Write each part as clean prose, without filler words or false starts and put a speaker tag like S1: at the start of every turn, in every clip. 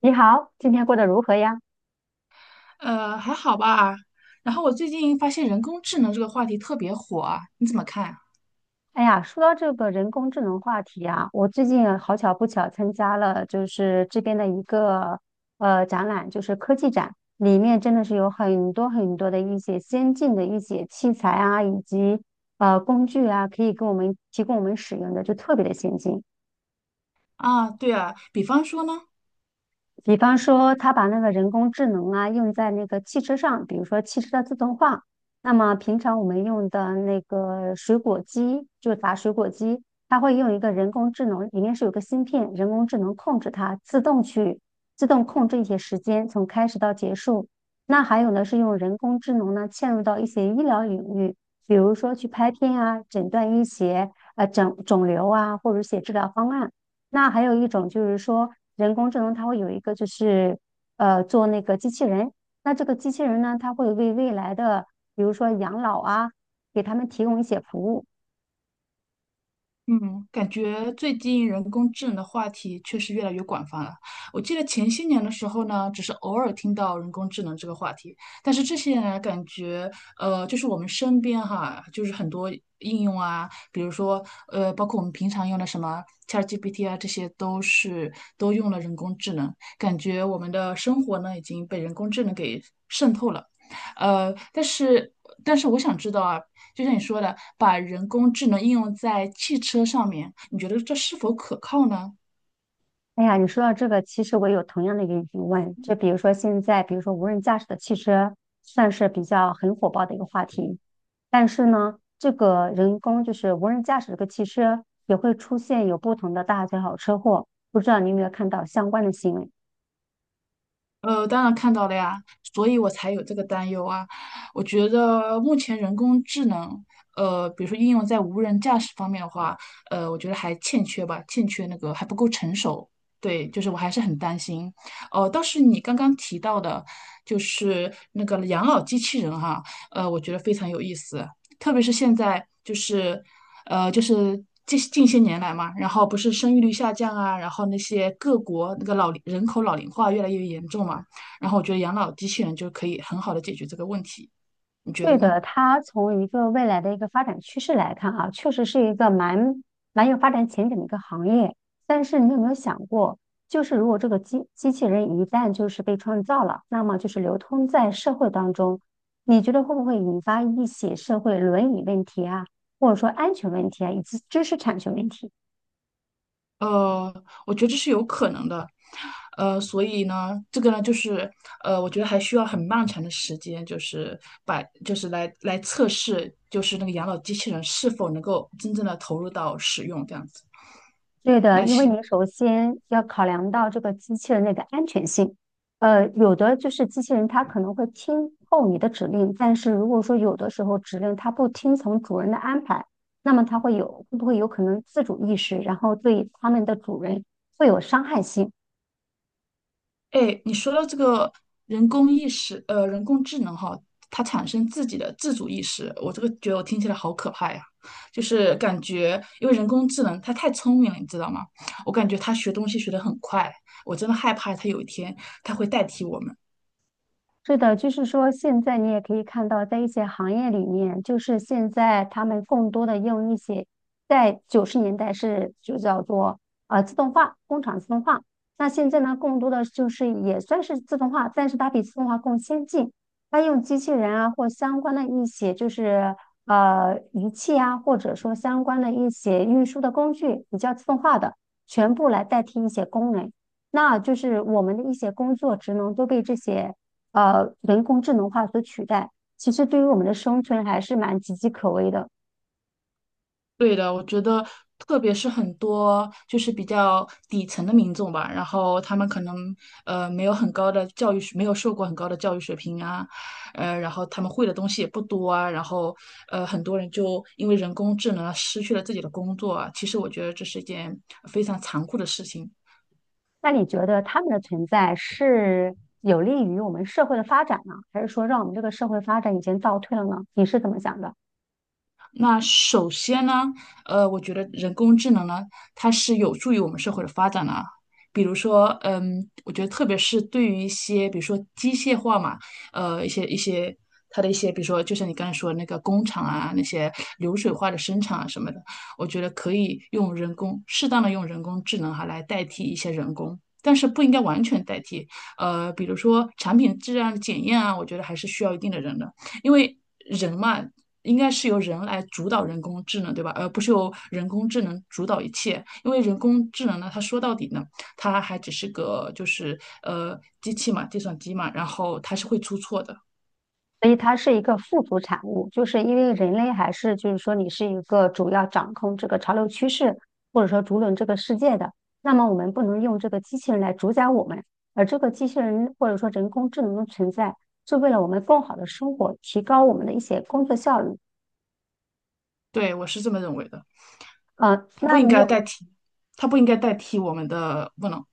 S1: 你好，今天过得如何呀？
S2: 还好吧。然后我最近发现人工智能这个话题特别火啊，你怎么看啊？
S1: 哎呀，说到这个人工智能话题啊，我最近好巧不巧参加了就是这边的一个展览，就是科技展，里面真的是有很多很多的一些先进的一些器材啊，以及工具啊，可以给我们提供我们使用的，就特别的先进。
S2: 啊，对啊，比方说呢？
S1: 比方说，他把那个人工智能啊用在那个汽车上，比如说汽车的自动化。那么平常我们用的那个水果机，就是打水果机，它会用一个人工智能，里面是有个芯片，人工智能控制它，自动去自动控制一些时间，从开始到结束。那还有呢，是用人工智能呢嵌入到一些医疗领域，比如说去拍片啊，诊断医学，诊肿瘤啊，或者写治疗方案。那还有一种就是说，人工智能它会有一个就是做那个机器人，那这个机器人呢，它会为未来的比如说养老啊，给他们提供一些服务。
S2: 嗯，感觉最近人工智能的话题确实越来越广泛了。我记得前些年的时候呢，只是偶尔听到人工智能这个话题，但是这些年来感觉，就是我们身边哈，就是很多应用啊，比如说，包括我们平常用的什么 ChatGPT 啊，这些都用了人工智能，感觉我们的生活呢已经被人工智能给渗透了。但是我想知道啊，就像你说的，把人工智能应用在汽车上面，你觉得这是否可靠呢？
S1: 哎呀，你说到这个，其实我有同样的一个疑问，就比如说现在，比如说无人驾驶的汽车算是比较很火爆的一个话题，但是呢，这个人工就是无人驾驶这个汽车也会出现有不同的大小车祸，不知道你有没有看到相关的新闻？
S2: 当然看到了呀，所以我才有这个担忧啊。我觉得目前人工智能，比如说应用在无人驾驶方面的话，我觉得还欠缺吧，欠缺那个还不够成熟。对，就是我还是很担心。哦，倒是你刚刚提到的，就是那个养老机器人哈，我觉得非常有意思。特别是现在就是，呃，就是近些年来嘛，然后不是生育率下降啊，然后那些各国那个老龄人口老龄化越来越严重嘛，然后我觉得养老机器人就可以很好的解决这个问题，你觉
S1: 对
S2: 得呢？
S1: 的，它从一个未来的一个发展趋势来看啊，确实是一个蛮有发展前景的一个行业。但是你有没有想过，就是如果这个机器人一旦就是被创造了，那么就是流通在社会当中，你觉得会不会引发一些社会伦理问题啊，或者说安全问题啊，以及知识产权问题？
S2: 呃，我觉得这是有可能的，所以呢，这个呢，就是我觉得还需要很漫长的时间，就是把就是来来测试，就是那个养老机器人是否能够真正的投入到使用这样子。
S1: 对的，因为你首先要考量到这个机器人的一个安全性。呃，有的就是机器人它可能会听候你的指令，但是如果说有的时候指令它不听从主人的安排，那么它会有会不会有可能自主意识，然后对他们的主人会有伤害性？
S2: 哎，你说到这个人工智能哈，它产生自己的自主意识，我这个觉得我听起来好可怕呀，就是感觉因为人工智能它太聪明了，你知道吗？我感觉它学东西学得很快，我真的害怕它有一天它会代替我们。
S1: 是的，就是说，现在你也可以看到，在一些行业里面，就是现在他们更多的用一些，在九十年代是就叫做自动化，工厂自动化。那现在呢，更多的就是也算是自动化，但是它比自动化更先进。它用机器人啊，或相关的一些就是仪器啊，或者说相关的一些运输的工具，比较自动化的，全部来代替一些工人。那就是我们的一些工作职能都被这些。人工智能化所取代，其实对于我们的生存还是蛮岌岌可危的。
S2: 对的，我觉得，特别是很多就是比较底层的民众吧，然后他们可能没有很高的教育水，没有受过很高的教育水平啊，然后他们会的东西也不多啊，然后很多人就因为人工智能啊失去了自己的工作啊，其实我觉得这是一件非常残酷的事情。
S1: 那你觉得他们的存在是有利于我们社会的发展呢，还是说让我们这个社会发展已经倒退了呢？你是怎么想的？
S2: 那首先呢，我觉得人工智能呢，它是有助于我们社会的发展的啊。比如说，嗯，我觉得特别是对于一些，比如说机械化嘛，呃，一些一些它的一些，比如说就像你刚才说的那个工厂啊，那些流水化的生产啊什么的，我觉得可以用人工，适当的用人工智能哈来代替一些人工。但是不应该完全代替，比如说产品质量的检验啊，我觉得还是需要一定的人的。因为人嘛，应该是由人来主导人工智能，对吧？而不是由人工智能主导一切。因为人工智能呢，它说到底呢，它还只是个机器嘛，计算机嘛，然后它是会出错的。
S1: 所以它是一个附属产物，就是因为人类还是就是说你是一个主要掌控这个潮流趋势，或者说主导这个世界的，那么我们不能用这个机器人来主宰我们，而这个机器人或者说人工智能的存在，是为了我们更好的生活，提高我们的一些工作效率。
S2: 对，我是这么认为的，
S1: 呃，
S2: 它不
S1: 那
S2: 应
S1: 你
S2: 该代
S1: 有
S2: 替，它不应该代替我们的不能。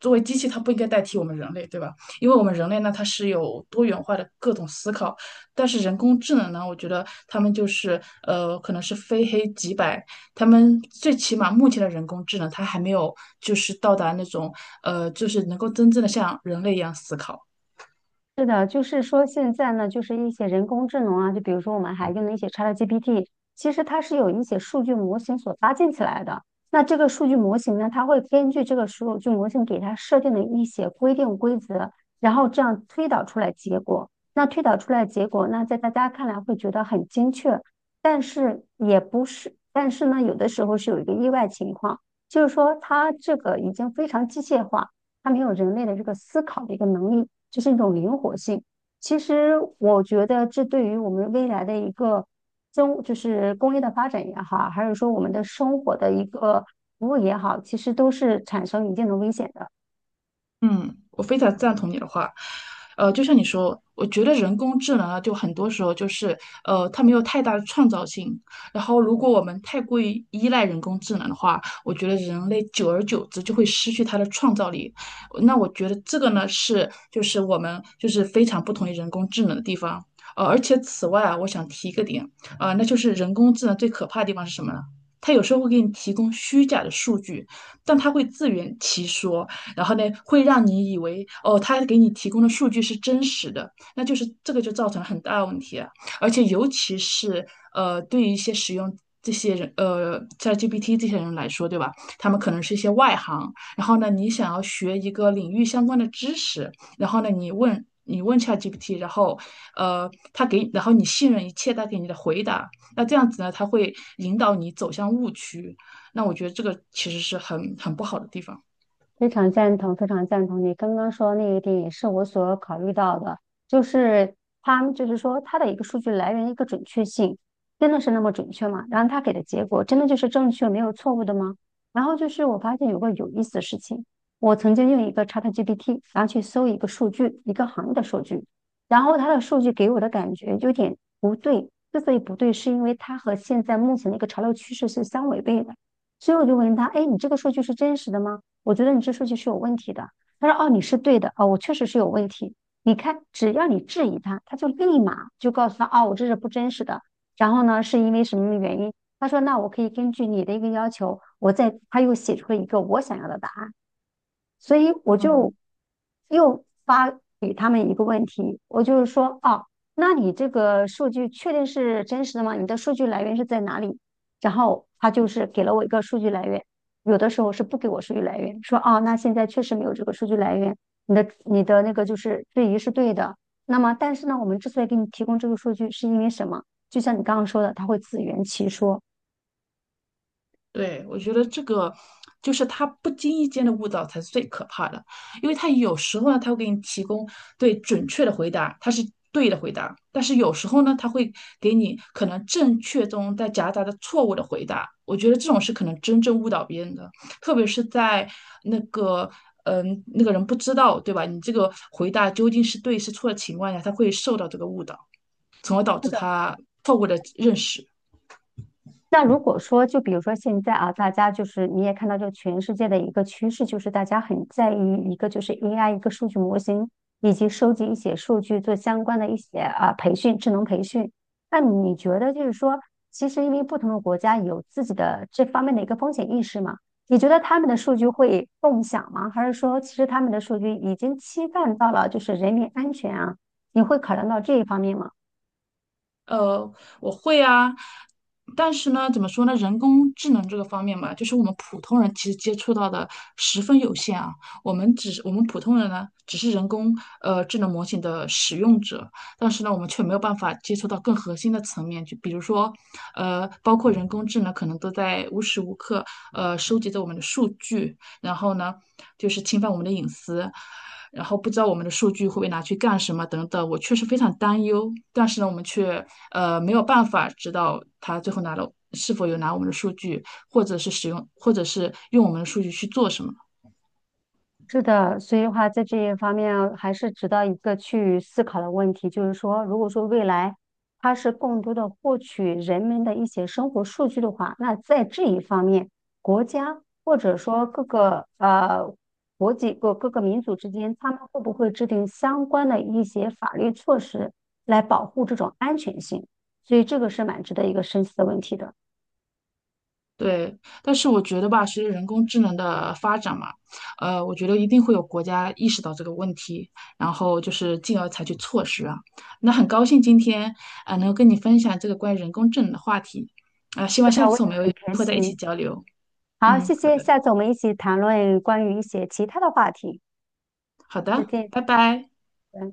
S2: 作为机器，它不应该代替我们人类，对吧？因为我们人类呢，它是有多元化的各种思考，但是人工智能呢，我觉得他们就是可能是非黑即白，他们最起码目前的人工智能，它还没有就是到达那种就是能够真正的像人类一样思考。
S1: 是的，就是说现在呢，就是一些人工智能啊，就比如说我们还用的一些 ChatGPT，其实它是有一些数据模型所搭建起来的。那这个数据模型呢，它会根据这个数据模型给它设定的一些规定规则，然后这样推导出来结果。那推导出来结果，那在大家看来会觉得很精确，但是也不是，但是呢，有的时候是有一个意外情况，就是说它这个已经非常机械化。他没有人类的这个思考的一个能力，这是一种灵活性。其实我觉得这对于我们未来的一个中，就是工业的发展也好，还是说我们的生活的一个服务也好，其实都是产生一定的危险的。
S2: 嗯，我非常赞同你的话，就像你说，我觉得人工智能啊，就很多时候就是，它没有太大的创造性。然后，如果我们太过于依赖人工智能的话，我觉得人类久而久之就会失去它的创造力。那我觉得这个呢，是就是我们就是非常不同于人工智能的地方。而且此外啊，我想提一个点，啊、那就是人工智能最可怕的地方是什么呢？它有时候会给你提供虚假的数据，但它会自圆其说。然后呢，会让你以为哦，他给你提供的数据是真实的，那就是这个就造成很大的问题了。而且尤其是对于一些使用这些人ChatGPT 这些人来说，对吧？他们可能是一些外行，然后呢，你想要学一个领域相关的知识，然后呢，你问 ChatGPT，然后，然后你信任一切他给你的回答，那这样子呢，他会引导你走向误区，那我觉得这个其实是很不好的地方。
S1: 非常赞同，非常赞同你刚刚说的那一点，也是我所考虑到的，就是他们就是说他的一个数据来源一个准确性，真的是那么准确吗？然后他给的结果真的就是正确，没有错误的吗？然后就是我发现有个有意思的事情，我曾经用一个 ChatGPT，然后去搜一个数据，一个行业的数据，然后它的数据给我的感觉有点不对，之所以不对，是因为它和现在目前的一个潮流趋势是相违背的，所以我就问他，哎，你这个数据是真实的吗？我觉得你这数据是有问题的。他说：“哦，你是对的，哦，我确实是有问题。你看，只要你质疑他，他就立马就告诉他，哦，我这是不真实的。然后呢，是因为什么原因？他说，那我可以根据你的一个要求，我再他又写出了一个我想要的答案。所以我就又发给他们一个问题，我就是说，哦，那你这个数据确定是真实的吗？你的数据来源是在哪里？然后他就是给了我一个数据来源，有的时候是不给我数据来源，说哦，那现在确实没有这个数据来源，你的那个就是质疑是对的。那么，但是呢，我们之所以给你提供这个数据，是因为什么？就像你刚刚说的，他会自圆其说。
S2: 对，我觉得这个就是他不经意间的误导才是最可怕的，因为他有时候呢，他会给你提供对准确的回答，他是对的回答，但是有时候呢，他会给你可能正确中带夹杂着错误的回答。我觉得这种是可能真正误导别人的，特别是在那个那个人不知道对吧，你这个回答究竟是对是错的情况下，他会受到这个误导，从而导
S1: 是
S2: 致
S1: 的。
S2: 他错误的认识。
S1: 那如果说，就比如说现在啊，大家就是你也看到，这个全世界的一个趋势，就是大家很在意一个就是 AI 一个数据模型，以及收集一些数据做相关的一些啊培训，智能培训。那你觉得就是说，其实因为不同的国家有自己的这方面的一个风险意识嘛？你觉得他们的数据会共享吗？还是说，其实他们的数据已经侵犯到了就是人民安全啊？你会考量到这一方面吗？
S2: 呃，我会啊，但是呢，怎么说呢？人工智能这个方面嘛，就是我们普通人其实接触到的十分有限啊。我们只是我们普通人呢，只是人工智能模型的使用者，但是呢，我们却没有办法接触到更核心的层面，就比如说，包括人工智能可能都在无时无刻收集着我们的数据，然后呢，就是侵犯我们的隐私，然后不知道我们的数据会被拿去干什么等等，我确实非常担忧。但是呢，我们却没有办法知道他最后拿了是否有拿我们的数据，或者是使用，或者是用我们的数据去做什么。
S1: 是的，所以的话，在这一方面啊还是值得一个去思考的问题，就是说，如果说未来它是更多的获取人们的一些生活数据的话，那在这一方面，国家或者说各个国际各个民族之间，他们会不会制定相关的一些法律措施来保护这种安全性？所以这个是蛮值得一个深思的问题的。
S2: 对，但是我觉得吧，随着人工智能的发展嘛，我觉得一定会有国家意识到这个问题，然后就是进而采取措施啊。那很高兴今天啊，能够跟你分享这个关于人工智能的话题啊，希望
S1: 是
S2: 下
S1: 的，我也
S2: 次我们有
S1: 很
S2: 机
S1: 开
S2: 会再一起
S1: 心。
S2: 交流。
S1: 好，
S2: 嗯，
S1: 谢
S2: 好
S1: 谢，
S2: 的，
S1: 下次我们一起谈论关于一些其他的话题。
S2: 好
S1: 再
S2: 的，
S1: 见
S2: 拜拜。
S1: 拜拜